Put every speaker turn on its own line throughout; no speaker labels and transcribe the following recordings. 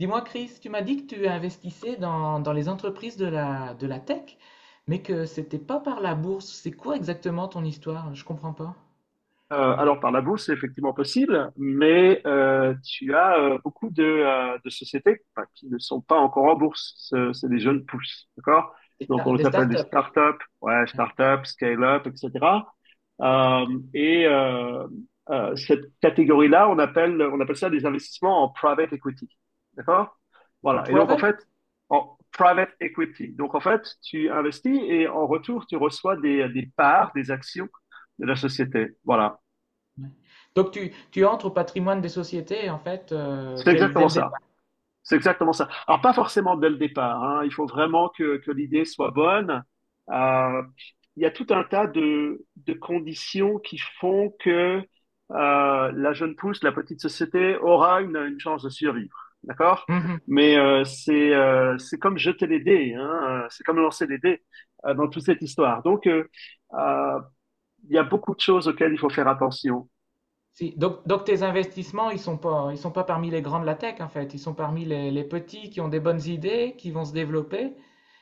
Dis-moi, Chris, tu m'as dit que tu investissais dans les entreprises de la tech, mais que c'était pas par la bourse. C'est quoi exactement ton histoire? Je comprends pas.
Alors par la bourse, c'est effectivement possible, mais tu as beaucoup de sociétés enfin, qui ne sont pas encore en bourse. C'est des jeunes pousses, d'accord? Donc on les
Des
appelle des
startups, quoi.
startups, ouais, startups, scale-up, etc. Euh, et euh, cette catégorie-là, on appelle ça des investissements en private equity, d'accord? Voilà. Et donc en
Travel?
fait, en private equity. Donc en fait, tu investis et en retour, tu reçois des parts, des actions de la société. Voilà.
Ouais. Donc tu entres au patrimoine des sociétés, en fait,
C'est
dès
exactement
le
ça.
départ.
C'est exactement ça. Alors, pas forcément dès le départ, hein. Il faut vraiment que l'idée soit bonne. Euh, il y a tout un tas de conditions qui font que la jeune pousse, la petite société, aura une chance de survivre. D'accord?
Mhm.
Mais c'est comme jeter les dés, hein. C'est comme lancer les dés dans toute cette histoire. Donc, euh, il y a beaucoup de choses auxquelles il faut faire attention.
Si. Donc tes investissements, ils sont pas parmi les grands de la tech, en fait. Ils sont parmi les petits qui ont des bonnes idées, qui vont se développer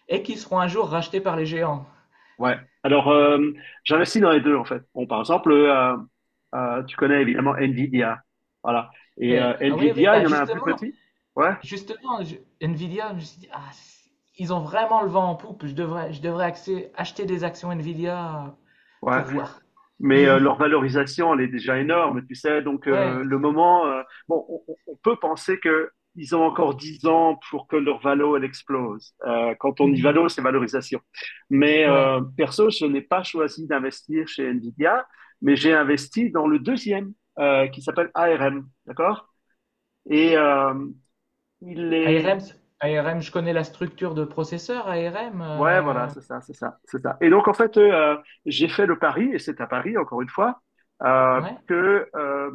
et qui seront un jour rachetés par les géants.
Ouais. Alors, j'investis dans les deux, en fait. Bon, par exemple, tu connais évidemment Nvidia. Voilà. Et
Ah oui, oui,
Nvidia, il
bah
y en a un plus petit. Ouais,
Nvidia, je me suis dit, ah, ils ont vraiment le vent en poupe. Acheter des actions Nvidia
ouais.
pour voir.
Mais leur valorisation, elle est déjà énorme, tu sais. Donc,
Ouais.
le moment... bon, on peut penser que ils ont encore 10 ans pour que leur valo, elle explose. Quand on dit
Mhm.
valo, c'est valorisation. Mais
Ouais.
perso, je n'ai pas choisi d'investir chez Nvidia, mais j'ai investi dans le deuxième, qui s'appelle ARM. D'accord? Et il est...
ARM, c- ARM, je connais la structure de processeur ARM.
Ouais, voilà, c'est ça, c'est ça, c'est ça. Et donc, en fait, j'ai fait le pari, et c'est à Paris, encore une fois,
Ouais.
que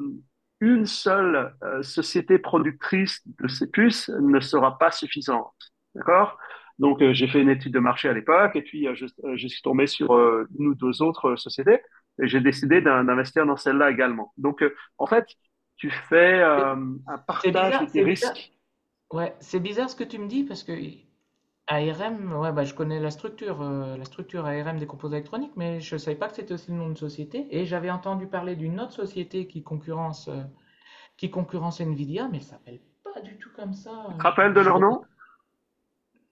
une seule société productrice de ces puces ne sera pas suffisante. D'accord? Donc, j'ai fait une étude de marché à l'époque, et puis je suis tombé sur une ou deux autres sociétés, et j'ai décidé d'investir dans celle-là également. Donc, en fait, tu fais
C'est
un
c'est
partage de
bizarre,
tes
c'est bizarre.
risques.
Ouais, c'est bizarre ce que tu me dis parce que ARM, ouais, bah, je connais la structure ARM des composants électroniques, mais je ne savais pas que c'était aussi le nom de société. Et j'avais entendu parler d'une autre société qui concurrence Nvidia, mais elle s'appelle pas du tout comme
Tu
ça.
te rappelles de
Je, je
leur
reviens-
nom?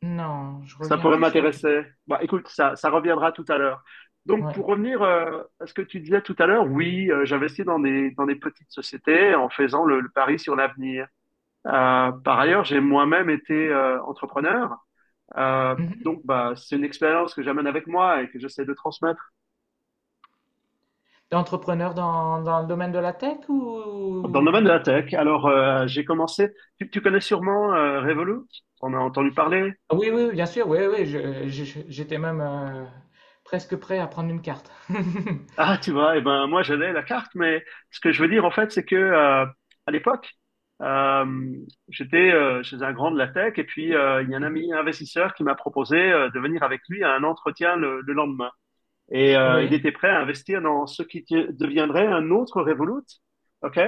non, je
Ça
reviens
pourrait
plus sur le.
m'intéresser. Bah, écoute, ça reviendra tout à l'heure. Donc,
Ouais.
pour revenir à ce que tu disais tout à l'heure, oui, j'investis dans des petites sociétés en faisant le pari sur l'avenir. Par ailleurs, j'ai moi-même été entrepreneur. Euh,
Mhm.
donc, bah, c'est une expérience que j'amène avec moi et que j'essaie de transmettre
T'es entrepreneur dans le domaine de la tech
dans le domaine de
ou
la tech. Alors, j'ai commencé. Tu connais sûrement Revolut? On a entendu parler.
Ah oui, oui, bien sûr, oui, oui, j'étais même presque prêt à prendre une carte.
Ah, tu vois, eh ben, moi, j'avais la carte, mais ce que je veux dire, en fait, c'est que, à l'époque, euh, j'étais chez un grand de la tech, et puis il y a un ami investisseur qui m'a proposé de venir avec lui à un entretien le lendemain. Et il
Oui,
était prêt à investir dans ce qui deviendrait un autre Revolut, OK?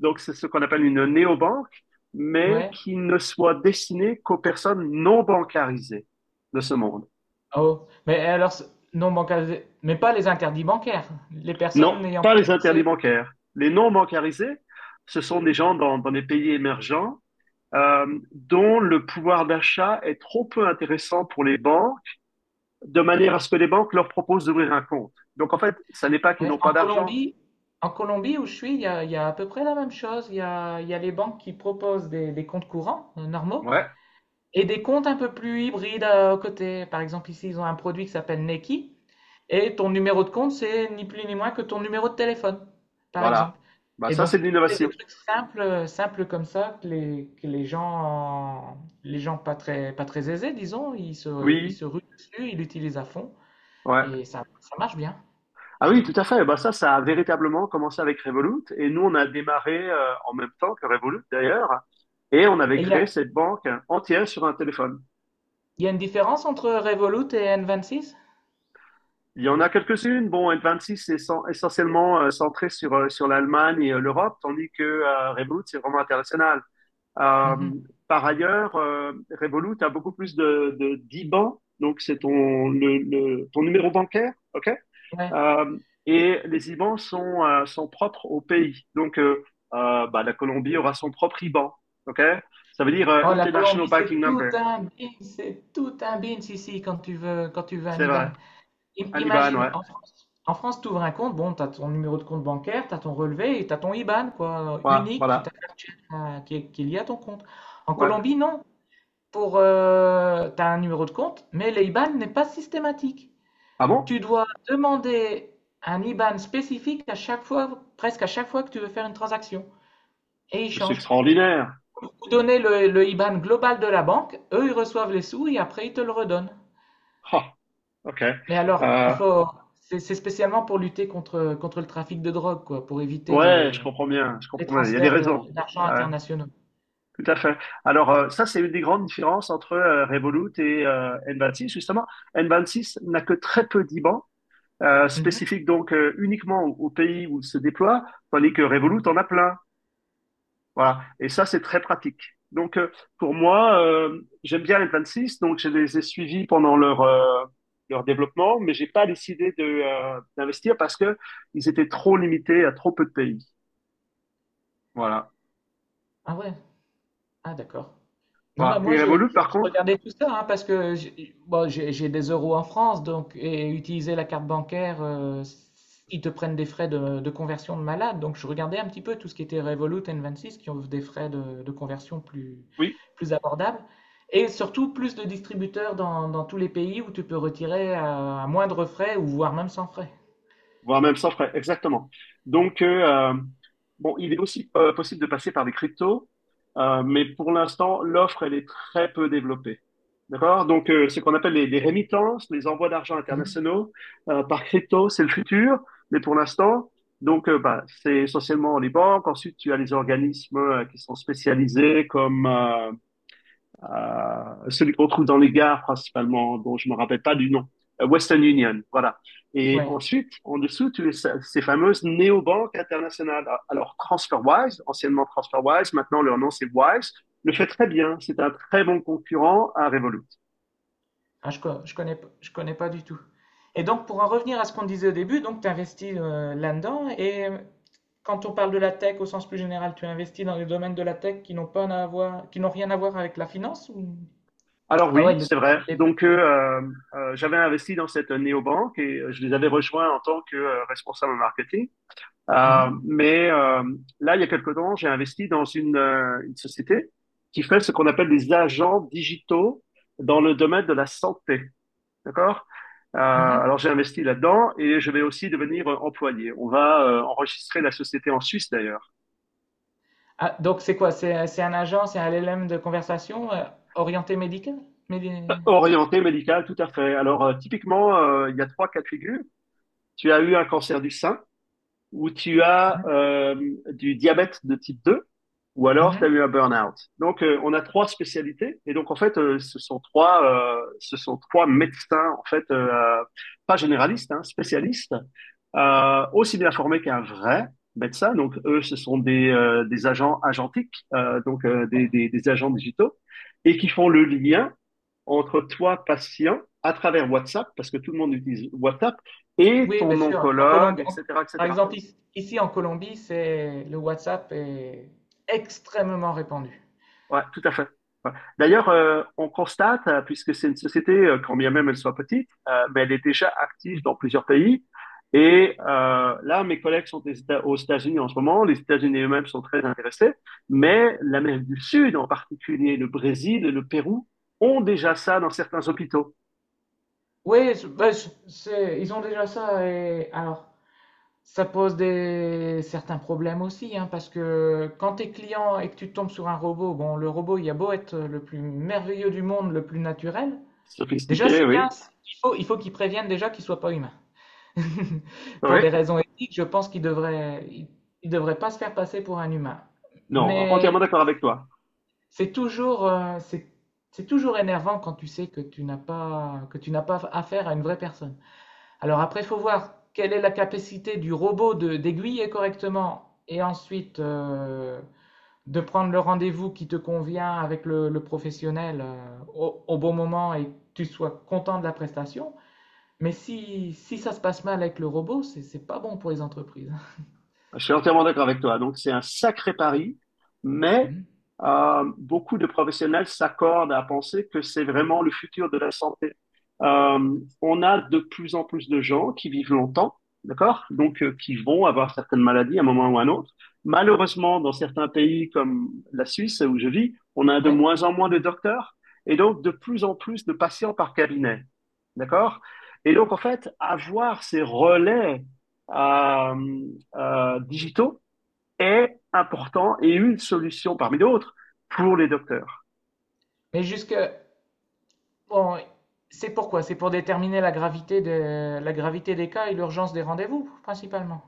Donc, c'est ce qu'on appelle une néobanque, mais
ouais.
qui ne soit destinée qu'aux personnes non bancarisées de ce monde.
Oh, mais alors, non bancaire, mais pas les interdits bancaires, les
Non,
personnes n'ayant
pas
pas
les interdits
accès.
bancaires. Les non bancarisés, ce sont des gens dans des pays émergents euh, dont le pouvoir d'achat est trop peu intéressant pour les banques, de manière à ce que les banques leur proposent d'ouvrir un compte. Donc en fait, ça n'est pas qu'ils
Ouais,
n'ont pas d'argent.
En Colombie où je suis, il y a à peu près la même chose. Il y a les banques qui proposent des comptes courants normaux
Ouais,
et des comptes un peu plus hybrides à côté. Par exemple, ici, ils ont un produit qui s'appelle Nequi et ton numéro de compte, c'est ni plus ni moins que ton numéro de téléphone, par
voilà.
exemple.
Bah
Et
ça,
donc,
c'est de
c'est des
l'innovation.
trucs simples comme ça que les gens pas très aisés, disons, ils se, ils
Oui,
se ruent dessus, ils l'utilisent à fond
ouais.
et ça marche bien.
Ah oui, tout à fait. Bah ça, ça a véritablement commencé avec Revolut. Et nous, on a démarré en même temps que Revolut d'ailleurs. Et on avait
Et il y
créé
a,
cette banque entière sur un téléphone.
Il y a une différence entre Revolut et N26?
Il y en a quelques-unes. Bon, N26 est essentiellement centré sur l'Allemagne et l'Europe, tandis que Revolut, c'est vraiment international. Euh,
Mhm.
Par ailleurs, Revolut a beaucoup plus de d'IBAN, donc c'est ton numéro bancaire, OK?
Ouais.
Euh, et les IBAN sont, sont propres au pays. Donc, bah, la Colombie aura son propre IBAN, OK? Ça veut dire
Oh, la
International
Colombie,
Banking
c'est tout
Number.
un bin, c'est tout un bin ici quand tu veux un
C'est vrai.
IBAN.
Un IBAN,
Imagine,
ouais.
en France, tu ouvres un compte, bon, tu as ton numéro de compte bancaire, tu as ton relevé et tu as ton IBAN, quoi,
Ouais,
unique qui
voilà.
t'appartient, qui est lié à ton compte. En
Ouais.
Colombie, non. Tu as un numéro de compte, mais l'IBAN n'est pas systématique.
Ah bon?
Tu dois demander un IBAN spécifique à chaque fois, presque à chaque fois que tu veux faire une transaction. Et il
C'est
change.
extraordinaire.
Vous donnez le IBAN global de la banque, eux ils reçoivent les sous et après ils te le redonnent.
Ah, ok.
Mais alors,
Euh,
c'est spécialement pour lutter contre le trafic de drogue, quoi, pour éviter
ouais, je
les,
comprends bien, je
les
comprends bien. Il y a des
transferts
raisons.
d'argent
Ouais,
internationaux.
tout à fait. Alors, ça, c'est une des grandes différences entre Revolut et N26. Justement, N26 n'a que très peu d'IBAN
Mhm.
spécifiques, donc uniquement au pays où il se déploie, tandis que Revolut en a plein. Voilà. Et ça, c'est très pratique. Donc, pour moi, j'aime bien les 26, donc je les ai suivis pendant leur développement, mais j'ai pas décidé d'investir parce que ils étaient trop limités à trop peu de pays. Voilà.
Ah ouais, ah d'accord. Non, bah
Voilà.
moi,
Et Revolut, par contre,
regardais tout ça hein, parce que j'ai bon, j'ai des euros en France donc, et utiliser la carte bancaire, ils te prennent des frais de conversion de malade. Donc, je regardais un petit peu tout ce qui était Revolut, N26 qui ont des frais de conversion plus,
oui.
plus abordables et surtout plus de distributeurs dans tous les pays où tu peux retirer à moindre frais ou voire même sans frais.
Voire même sans frais, exactement. Donc, bon, il est aussi possible de passer par des cryptos, mais pour l'instant, l'offre, elle est très peu développée. D'accord? Donc, ce qu'on appelle les remittances, les envois d'argent
Mhm.
internationaux par crypto, c'est le futur, mais pour l'instant, donc, bah, c'est essentiellement les banques. Ensuite, tu as les organismes qui sont spécialisés comme celui qu'on trouve dans les gares principalement, dont je me rappelle pas du nom. Western Union, voilà. Et
Ouais.
ensuite, en dessous, tu as ces fameuses néobanques internationales. Alors, TransferWise, anciennement TransferWise, maintenant leur nom c'est Wise, le fait très bien. C'est un très bon concurrent à Revolut.
Ah, je connais, je connais pas du tout. Et donc, pour en revenir à ce qu'on disait au début, donc tu investis là-dedans. Et quand on parle de la tech au sens plus général, tu investis dans les domaines de la tech qui n'ont pas à voir, qui n'ont rien à voir avec la finance ou
Alors
Ah ouais,
oui,
le
c'est vrai.
il est plus.
Donc, j'avais investi dans cette néobanque et je les avais rejoints en tant que responsable marketing. Euh,
Mhm,
mais euh, là, il y a quelque temps, j'ai investi dans une société qui fait ce qu'on appelle des agents digitaux dans le domaine de la santé. D'accord?
mhm.
Alors j'ai investi là-dedans et je vais aussi devenir employé. On va enregistrer la société en Suisse d'ailleurs.
Ah, donc c'est quoi? C'est un agent, c'est un LLM de conversation orienté médical? Médi-
Orienté médical, tout à fait. Alors typiquement, il y a trois cas de figure. Tu as eu un cancer du sein, ou tu as
Mhm,
du diabète de type 2 ou alors tu as
mhm.
eu un burn-out. Donc on a trois spécialités et donc en fait ce sont trois médecins en fait pas généralistes hein, spécialistes aussi bien formés qu'un vrai médecin. Donc eux ce sont des agents agentiques
Ouais.
des agents digitaux et qui font le lien entre toi patient à travers WhatsApp parce que tout le monde utilise WhatsApp et
Oui, bien
ton
sûr. En
oncologue
Colombie,
etc
par
etc.
exemple, ici en Colombie, c'est le WhatsApp est extrêmement répandu.
Ouais, tout à fait. Ouais. D'ailleurs, on constate, puisque c'est une société, quand bien même elle soit petite, mais elle est déjà active dans plusieurs pays. Et là, mes collègues sont aux États-Unis en ce moment. Les États-Unis eux-mêmes sont très intéressés, mais l'Amérique du Sud, en particulier le Brésil et le Pérou, ont déjà ça dans certains hôpitaux.
Oui, ils ont déjà ça. Et, alors, ça pose certains problèmes aussi, hein, parce que quand tu es client et que tu tombes sur un robot, bon, le robot, il a beau être le plus merveilleux du monde, le plus naturel, déjà,
Sophistiqué,
c'est bien,
oui.
il faut qu'il prévienne déjà qu'il soit pas humain. Pour
Oui.
des raisons éthiques, je pense il devrait pas se faire passer pour un humain.
Non,
Mais
entièrement d'accord avec toi.
c'est toujours, euh, c'est c'est toujours énervant quand tu sais que tu n'as pas affaire à une vraie personne. Alors après, il faut voir quelle est la capacité du robot de d'aiguiller correctement et ensuite de prendre le rendez-vous qui te convient avec le professionnel au, au bon moment et que tu sois content de la prestation. Mais si ça se passe mal avec le robot, c'est pas bon pour les entreprises.
Je suis entièrement d'accord avec toi. Donc, c'est un sacré pari, mais
Hmm.
beaucoup de professionnels s'accordent à penser que c'est vraiment le futur de la santé. On a de plus en plus de gens qui vivent longtemps, d'accord? Donc, qui vont avoir certaines maladies à un moment ou à un autre. Malheureusement, dans certains pays comme la Suisse où je vis, on a de
Ouais.
moins en moins de docteurs et donc de plus en plus de patients par cabinet, d'accord? Et donc, en fait, avoir ces relais euh, digitaux est important et une solution parmi d'autres pour les docteurs.
Mais jusque bon, c'est pourquoi? C'est pour déterminer la gravité de la gravité des cas et l'urgence des rendez-vous principalement.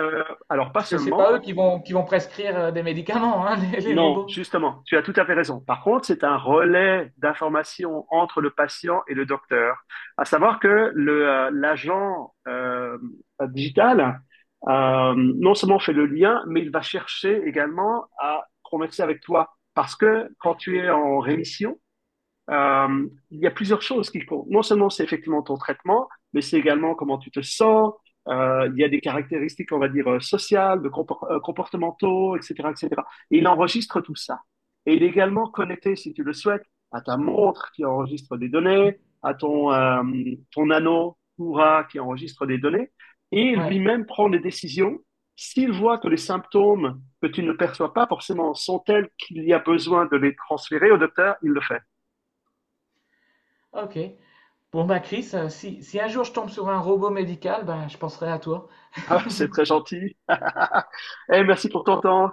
Alors pas
Parce que c'est
seulement,
pas eux qui vont prescrire des médicaments, hein, les
non,
robots.
justement, tu as tout à fait raison. Par contre, c'est un relais d'information entre le patient et le docteur, à savoir que le l'agent digital non seulement fait le lien, mais il va chercher également à converser avec toi parce que quand tu es en rémission, euh, il y a plusieurs choses qui comptent. Non seulement c'est effectivement ton traitement, mais c'est également comment tu te sens. Il y a des caractéristiques, on va dire, sociales, de comportementaux, etc., etc. Et cetera. Et il enregistre tout ça. Et il est également connecté, si tu le souhaites, à ta montre qui enregistre des
Hmm.
données, à ton anneau Oura qui enregistre des données. Et
Ouais,
lui-même prend des décisions s'il voit que les symptômes que tu ne perçois pas forcément sont tels qu'il y a besoin de les transférer au docteur, il le fait.
ok. Bon bah Chris, si un jour je tombe sur un robot médical, ben je penserai à toi.
Ah, c'est très gentil. Eh, merci pour ton temps.